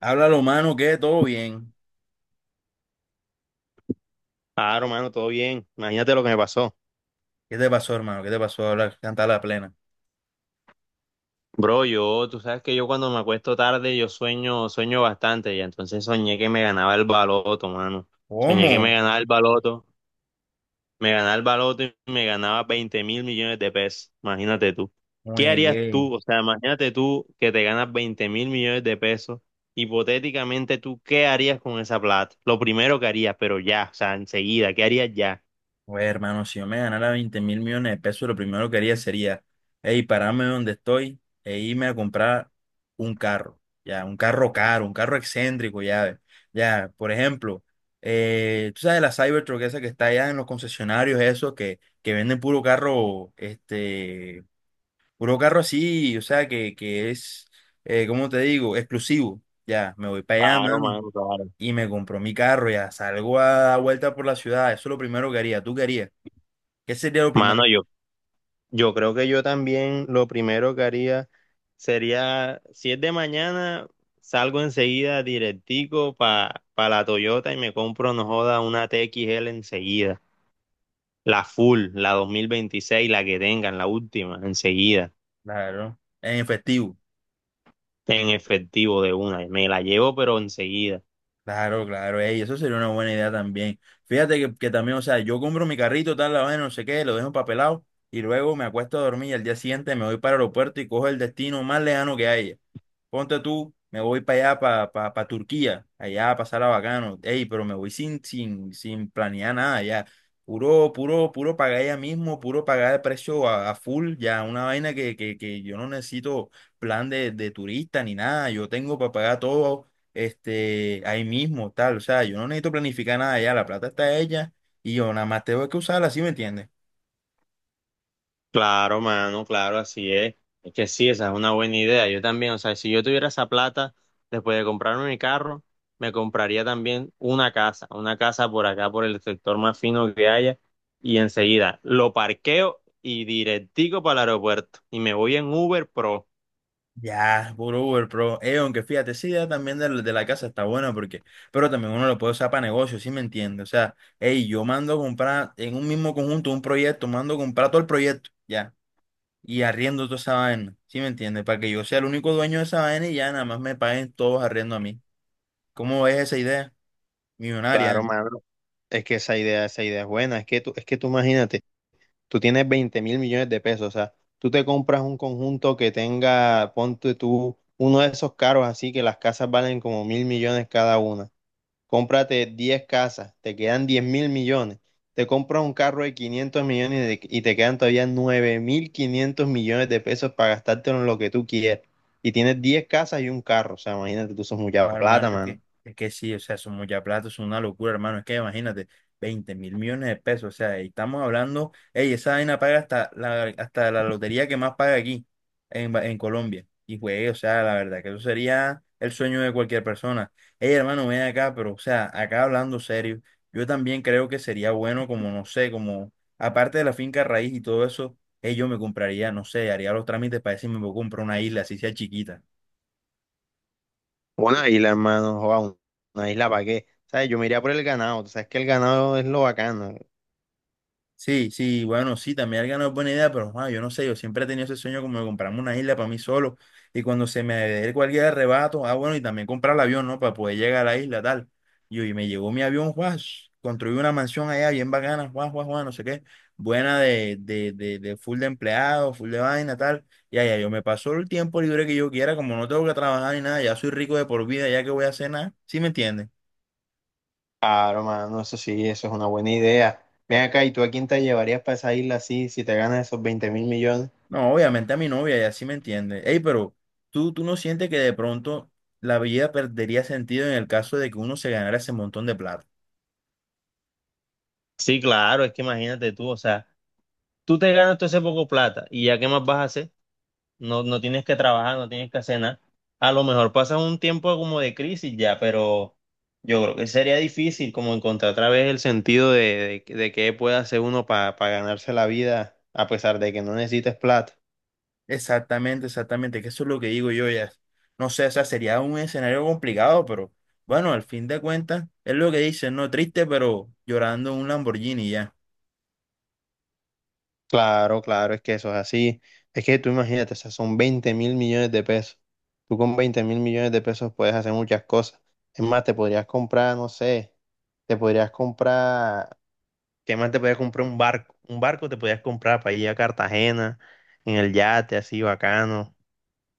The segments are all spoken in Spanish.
Háblalo, mano, que todo bien. Claro, mano, todo bien. Imagínate lo que me pasó. ¿Qué te pasó, hermano? ¿Qué te pasó? Habla, canta la plena. Bro, yo, tú sabes que yo cuando me acuesto tarde, yo sueño, sueño bastante, y entonces soñé que me ganaba el baloto, mano. Soñé que me ¿Cómo? ganaba el baloto, me ganaba el baloto y me ganaba 20 mil millones de pesos. Imagínate tú. ¿Qué Muy harías bien. tú? O sea, imagínate tú que te ganas 20 mil millones de pesos. Hipotéticamente, ¿tú qué harías con esa plata? Lo primero que harías, pero ya, o sea, enseguida, ¿qué harías ya? Pues, hermano, si yo me ganara 20 mil millones de pesos, lo primero que haría sería, hey, pararme donde estoy e irme a comprar un carro. Ya, un carro caro, un carro excéntrico, ya. Ve. Ya, por ejemplo, tú sabes la Cybertruck esa que está allá en los concesionarios, esos que venden puro carro, puro carro así, o sea, que es, ¿cómo te digo? Exclusivo. Ya, me voy para allá, mano, Claro. y me compro mi carro, ya salgo a dar vuelta por la ciudad. Eso es lo primero que haría. ¿Tú qué harías? ¿Qué sería lo primero? Mano, yo creo que yo también lo primero que haría sería, si es de mañana, salgo enseguida directico para la Toyota y me compro, no joda, una TXL enseguida. La full, la 2026, la que tengan, la última, enseguida, Claro, en efectivo. en efectivo de una. Me la llevo, pero enseguida. Claro, claro, ey, eso sería una buena idea también. Fíjate que también, o sea, yo compro mi carrito, tal, la vaina, no sé qué, lo dejo papelado y luego me acuesto a dormir y al día siguiente me voy para el aeropuerto y cojo el destino más lejano que haya. Ponte tú, me voy para allá, para pa, pa- pa Turquía, allá a pasar a bacano. Ey, pero me voy sin planear nada, ya. Puro pagar ya mismo, puro pagar el precio a full, ya. Una vaina que yo no necesito plan de turista ni nada. Yo tengo para pagar todo ahí mismo, tal. O sea, yo no necesito planificar nada ya. La plata está hecha y yo nada más tengo que usarla, ¿sí me entiendes? Claro, mano, claro, así es. Es que sí, esa es una buena idea. Yo también, o sea, si yo tuviera esa plata, después de comprarme mi carro, me compraría también una casa por acá, por el sector más fino que haya, y enseguida lo parqueo y directico para el aeropuerto. Y me voy en Uber Pro. Ya, puro Uber Pro. Aunque fíjate, esa idea también de la casa está buena porque, pero también uno lo puede usar para negocios, ¿sí me entiende? O sea, hey, yo mando a comprar en un mismo conjunto un proyecto, mando a comprar todo el proyecto, ya, y arriendo toda esa vaina, ¿sí me entiende? Para que yo sea el único dueño de esa vaina y ya nada más me paguen todos arriendo a mí. ¿Cómo ves esa idea? Millonaria, ¿eh? Claro, mano. Es que esa idea es buena. Es que tú imagínate. Tú tienes 20 mil millones de pesos, o sea, tú te compras un conjunto que tenga, ponte tú, uno de esos caros así que las casas valen como mil millones cada una. Cómprate 10 casas, te quedan 10 mil millones. Te compras un carro de 500 y te quedan todavía 9 mil 500 millones de pesos para gastártelo en lo que tú quieras. Y tienes 10 casas y un carro, o sea, imagínate, tú sos Oh, mucha plata, hermano, es mano. que, es que sí, o sea, son mucha plata, es una locura, hermano. Es que imagínate, 20 mil millones de pesos, o sea, y estamos hablando, ey, esa vaina paga hasta la lotería que más paga aquí, en, en Colombia. Y, güey, o sea, la verdad, que eso sería el sueño de cualquier persona. Ey, hermano, ven acá, pero, o sea, acá hablando serio, yo también creo que sería bueno, como, no sé, como, aparte de la finca raíz y todo eso, ey, yo me compraría, no sé, haría los trámites para decirme si me puedo comprar una isla, así sea chiquita. Una isla, hermano, joda, una isla para qué. ¿Sabes? Yo me iría por el ganado, tú sabes que el ganado es lo bacano. Sí, sí, bueno, sí, también el ganado es buena idea, pero ah, yo no sé, yo siempre he tenido ese sueño como de comprarme una isla para mí solo y cuando se me dé cualquier arrebato, ah, bueno, y también comprar el avión, ¿no? Para poder llegar a la isla, tal. Y me llegó mi avión, Juan, construí una mansión allá bien bacana, Juan, no sé qué, buena de full de empleados, full de vaina, tal. Y allá yo me paso el tiempo libre que yo quiera, como no tengo que trabajar ni nada, ya soy rico de por vida, ya que voy a hacer nada, ¿sí me entiendes? Claro, mano, eso sí, eso es una buena idea. Ven acá, ¿y tú a quién te llevarías para esa isla así si te ganas esos 20 mil millones? No, obviamente a mi novia, ella sí me entiende. Ey, pero ¿tú no sientes que de pronto la vida perdería sentido en el caso de que uno se ganara ese montón de plata? Sí, claro, es que imagínate tú, o sea, tú te ganas todo ese poco plata y ya qué más vas a hacer, no, no tienes que trabajar, no tienes que hacer nada. A lo mejor pasas un tiempo como de crisis ya, pero yo creo que sería difícil como encontrar otra vez el sentido de qué puede hacer uno para ganarse la vida a pesar de que no necesites plata. Exactamente, exactamente, que eso es lo que digo yo ya. No sé, o sea, sería un escenario complicado, pero bueno, al fin de cuentas, es lo que dicen, no triste, pero llorando en un Lamborghini ya. Claro, claro, es que eso es así. Es que tú imagínate, o sea, son 20 mil millones de pesos. Tú con 20 mil millones de pesos puedes hacer muchas cosas. Es más, te podrías comprar, no sé, te podrías comprar, ¿qué más te podrías comprar? Un barco. Un barco te podrías comprar para ir a Cartagena, en el yate, así bacano.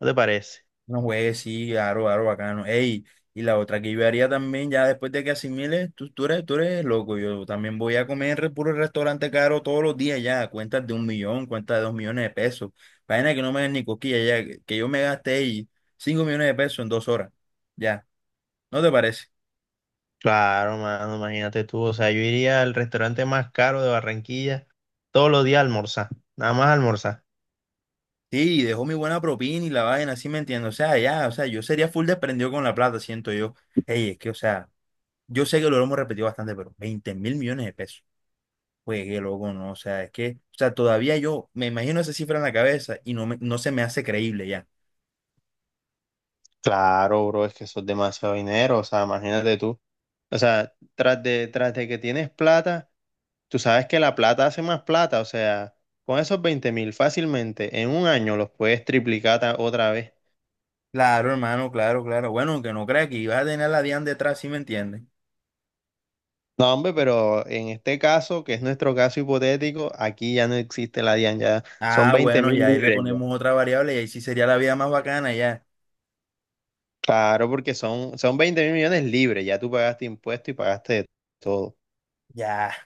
¿No te parece? No juegues, sí, claro, claro, bacano. Ey, y la otra que yo haría también, ya después de que asimiles, tú eres loco. Yo también voy a comer puro restaurante caro todos los días ya. Cuentas de un millón, cuentas de dos millones de pesos. Vaina que no me den ni cosquillas ya. Que yo me gasté ahí cinco millones de pesos en dos horas. Ya, ¿no te parece? Claro, mano, imagínate tú. O sea, yo iría al restaurante más caro de Barranquilla todos los días a almorzar, nada más a almorzar. Sí, dejó mi buena propina y la vaina, así me entiendo. O sea, ya, o sea, yo sería full desprendido con la plata, siento yo. Ey, es que, o sea, yo sé que lo hemos repetido bastante, pero 20 mil millones de pesos. Pues que loco, ¿no? O sea, todavía yo me imagino esa cifra en la cabeza y no, no se me hace creíble ya. Claro, bro, es que eso es demasiado dinero, o sea, imagínate tú. O sea, tras de que tienes plata, tú sabes que la plata hace más plata. O sea, con esos 20 mil fácilmente en un año los puedes otra vez. Claro, hermano, claro, claro. Bueno, que no crea que iba a tener la DIAN detrás, ¿sí me entiendes? No, hombre, pero en este caso, que es nuestro caso hipotético, aquí ya no existe la DIAN, ya son Ah, 20 bueno, mil ya ahí le libres ya. ponemos otra variable y ahí sí sería la vida más bacana, ya. Claro, porque son, son 20 mil millones libres, ya tú pagaste impuestos y pagaste de todo. Ya.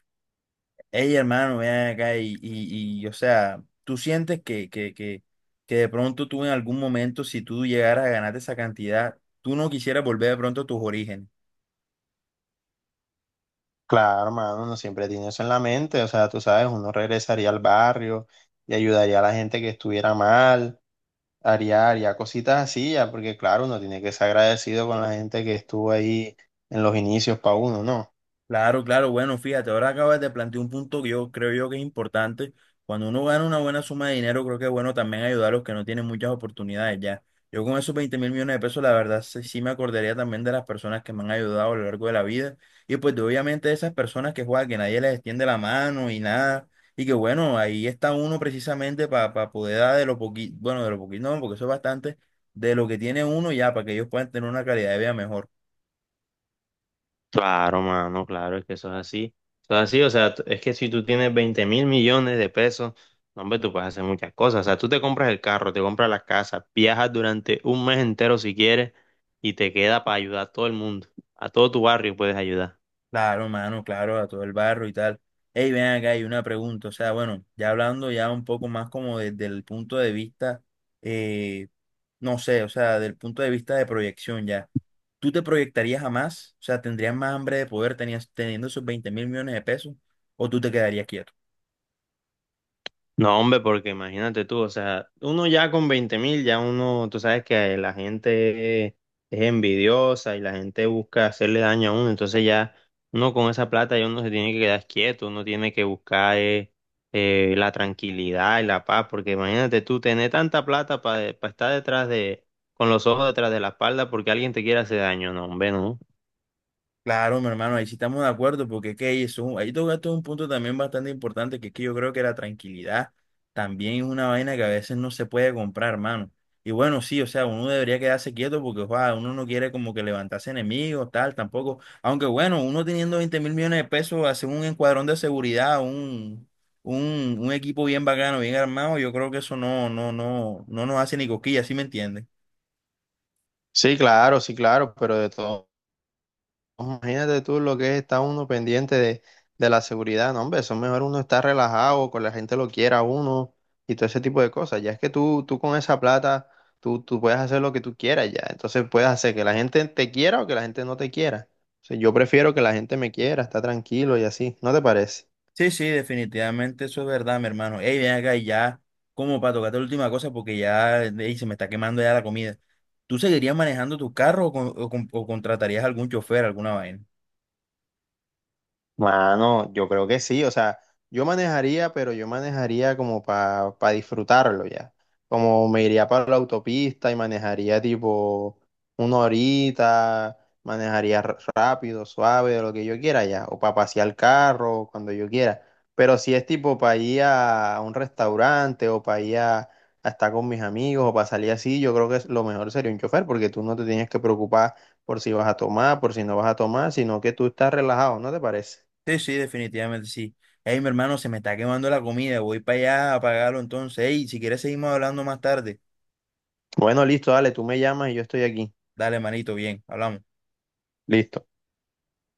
Ey, hermano, ven acá y, o sea, tú sientes que, que de pronto tú en algún momento, si tú llegaras a ganarte esa cantidad, tú no quisieras volver de pronto a tus orígenes. Claro, hermano, uno siempre tiene eso en la mente, o sea, tú sabes, uno regresaría al barrio y ayudaría a la gente que estuviera mal. Haría cositas así ya, porque claro, uno tiene que ser agradecido con la gente que estuvo ahí en los inicios para uno, ¿no? Claro, claro, bueno, fíjate, ahora acabas de plantear un punto que yo creo yo que es importante. Cuando uno gana una buena suma de dinero, creo que es bueno también ayudar a los que no tienen muchas oportunidades ya. Yo con esos 20 mil millones de pesos, la verdad, sí, sí me acordaría también de las personas que me han ayudado a lo largo de la vida. Y pues de, obviamente de esas personas que juegan, que nadie les extiende la mano y nada. Y que bueno, ahí está uno precisamente para poder dar de lo poquito, bueno, de lo poquito, no, porque eso es bastante, de lo que tiene uno ya, para que ellos puedan tener una calidad de vida mejor. Claro, mano, claro, es que eso es así. Eso es así, o sea, es que si tú tienes 20 mil millones de pesos, no, hombre, tú puedes hacer muchas cosas. O sea, tú te compras el carro, te compras la casa, viajas durante un mes entero si quieres y te queda para ayudar a todo el mundo. A todo tu barrio puedes ayudar. Claro, mano, claro, a todo el barro y tal. Ey, ven acá, hay una pregunta. O sea, bueno, ya hablando ya un poco más como desde el punto de vista, eh, no sé, o sea, del punto de vista de proyección ya. ¿Tú te proyectarías a más? O sea, ¿tendrías más hambre de poder tenías, teniendo esos 20 mil millones de pesos? ¿O tú te quedarías quieto? No, hombre, porque imagínate tú, o sea, uno ya con 20 mil, ya uno, tú sabes que la gente es envidiosa y la gente busca hacerle daño a uno, entonces ya uno con esa plata ya uno se tiene que quedar quieto, uno tiene que buscar la tranquilidad y la paz, porque imagínate tú tener tanta plata para estar detrás de, con los ojos detrás de la espalda porque alguien te quiere hacer daño, no, hombre, no. Claro, mi hermano, ahí sí estamos de acuerdo, porque es que ahí, ahí tocaste un punto también bastante importante, que es que yo creo que la tranquilidad también es una vaina que a veces no se puede comprar, hermano. Y bueno, sí, o sea, uno debería quedarse quieto porque joda, uno no quiere como que levantarse enemigos, tal, tampoco. Aunque bueno, uno teniendo 20 mil millones de pesos, hacer un encuadrón de seguridad, un equipo bien bacano, bien armado, yo creo que eso no nos hace ni cosquillas, ¿sí me entiendes? Sí, claro, sí, claro, pero de todo. Imagínate tú lo que es estar uno pendiente de la seguridad, no, hombre, eso es mejor uno estar relajado, con la gente lo quiera a uno y todo ese tipo de cosas. Ya es que tú con esa plata, tú puedes hacer lo que tú quieras ya. Entonces puedes hacer que la gente te quiera o que la gente no te quiera. O sea, yo prefiero que la gente me quiera, está tranquilo y así, ¿no te parece? Sí, sí, definitivamente eso es verdad, mi hermano. Ey, ven acá y ya, como para tocarte la última cosa, porque ya ey, se me está quemando ya la comida. ¿Tú seguirías manejando tu carro o contratarías algún chofer, alguna vaina? Mano, yo creo que sí, o sea, yo manejaría, pero yo manejaría como para disfrutarlo ya. Como me iría para la autopista y manejaría tipo una horita, manejaría rápido, suave, de lo que yo quiera ya, o para pasear el carro, cuando yo quiera. Pero si es tipo para ir a un restaurante o para ir a estar con mis amigos o para salir así, yo creo que lo mejor sería un chofer porque tú no te tienes que preocupar por si vas a tomar, por si no vas a tomar, sino que tú estás relajado, ¿no te parece? Sí, sí, definitivamente sí. Ey, mi hermano, se me está quemando la comida, voy para allá a pagarlo entonces. Ey, si quieres seguimos hablando más tarde. Bueno, listo, dale, tú me llamas y yo estoy aquí. Dale, manito, bien, hablamos. Listo.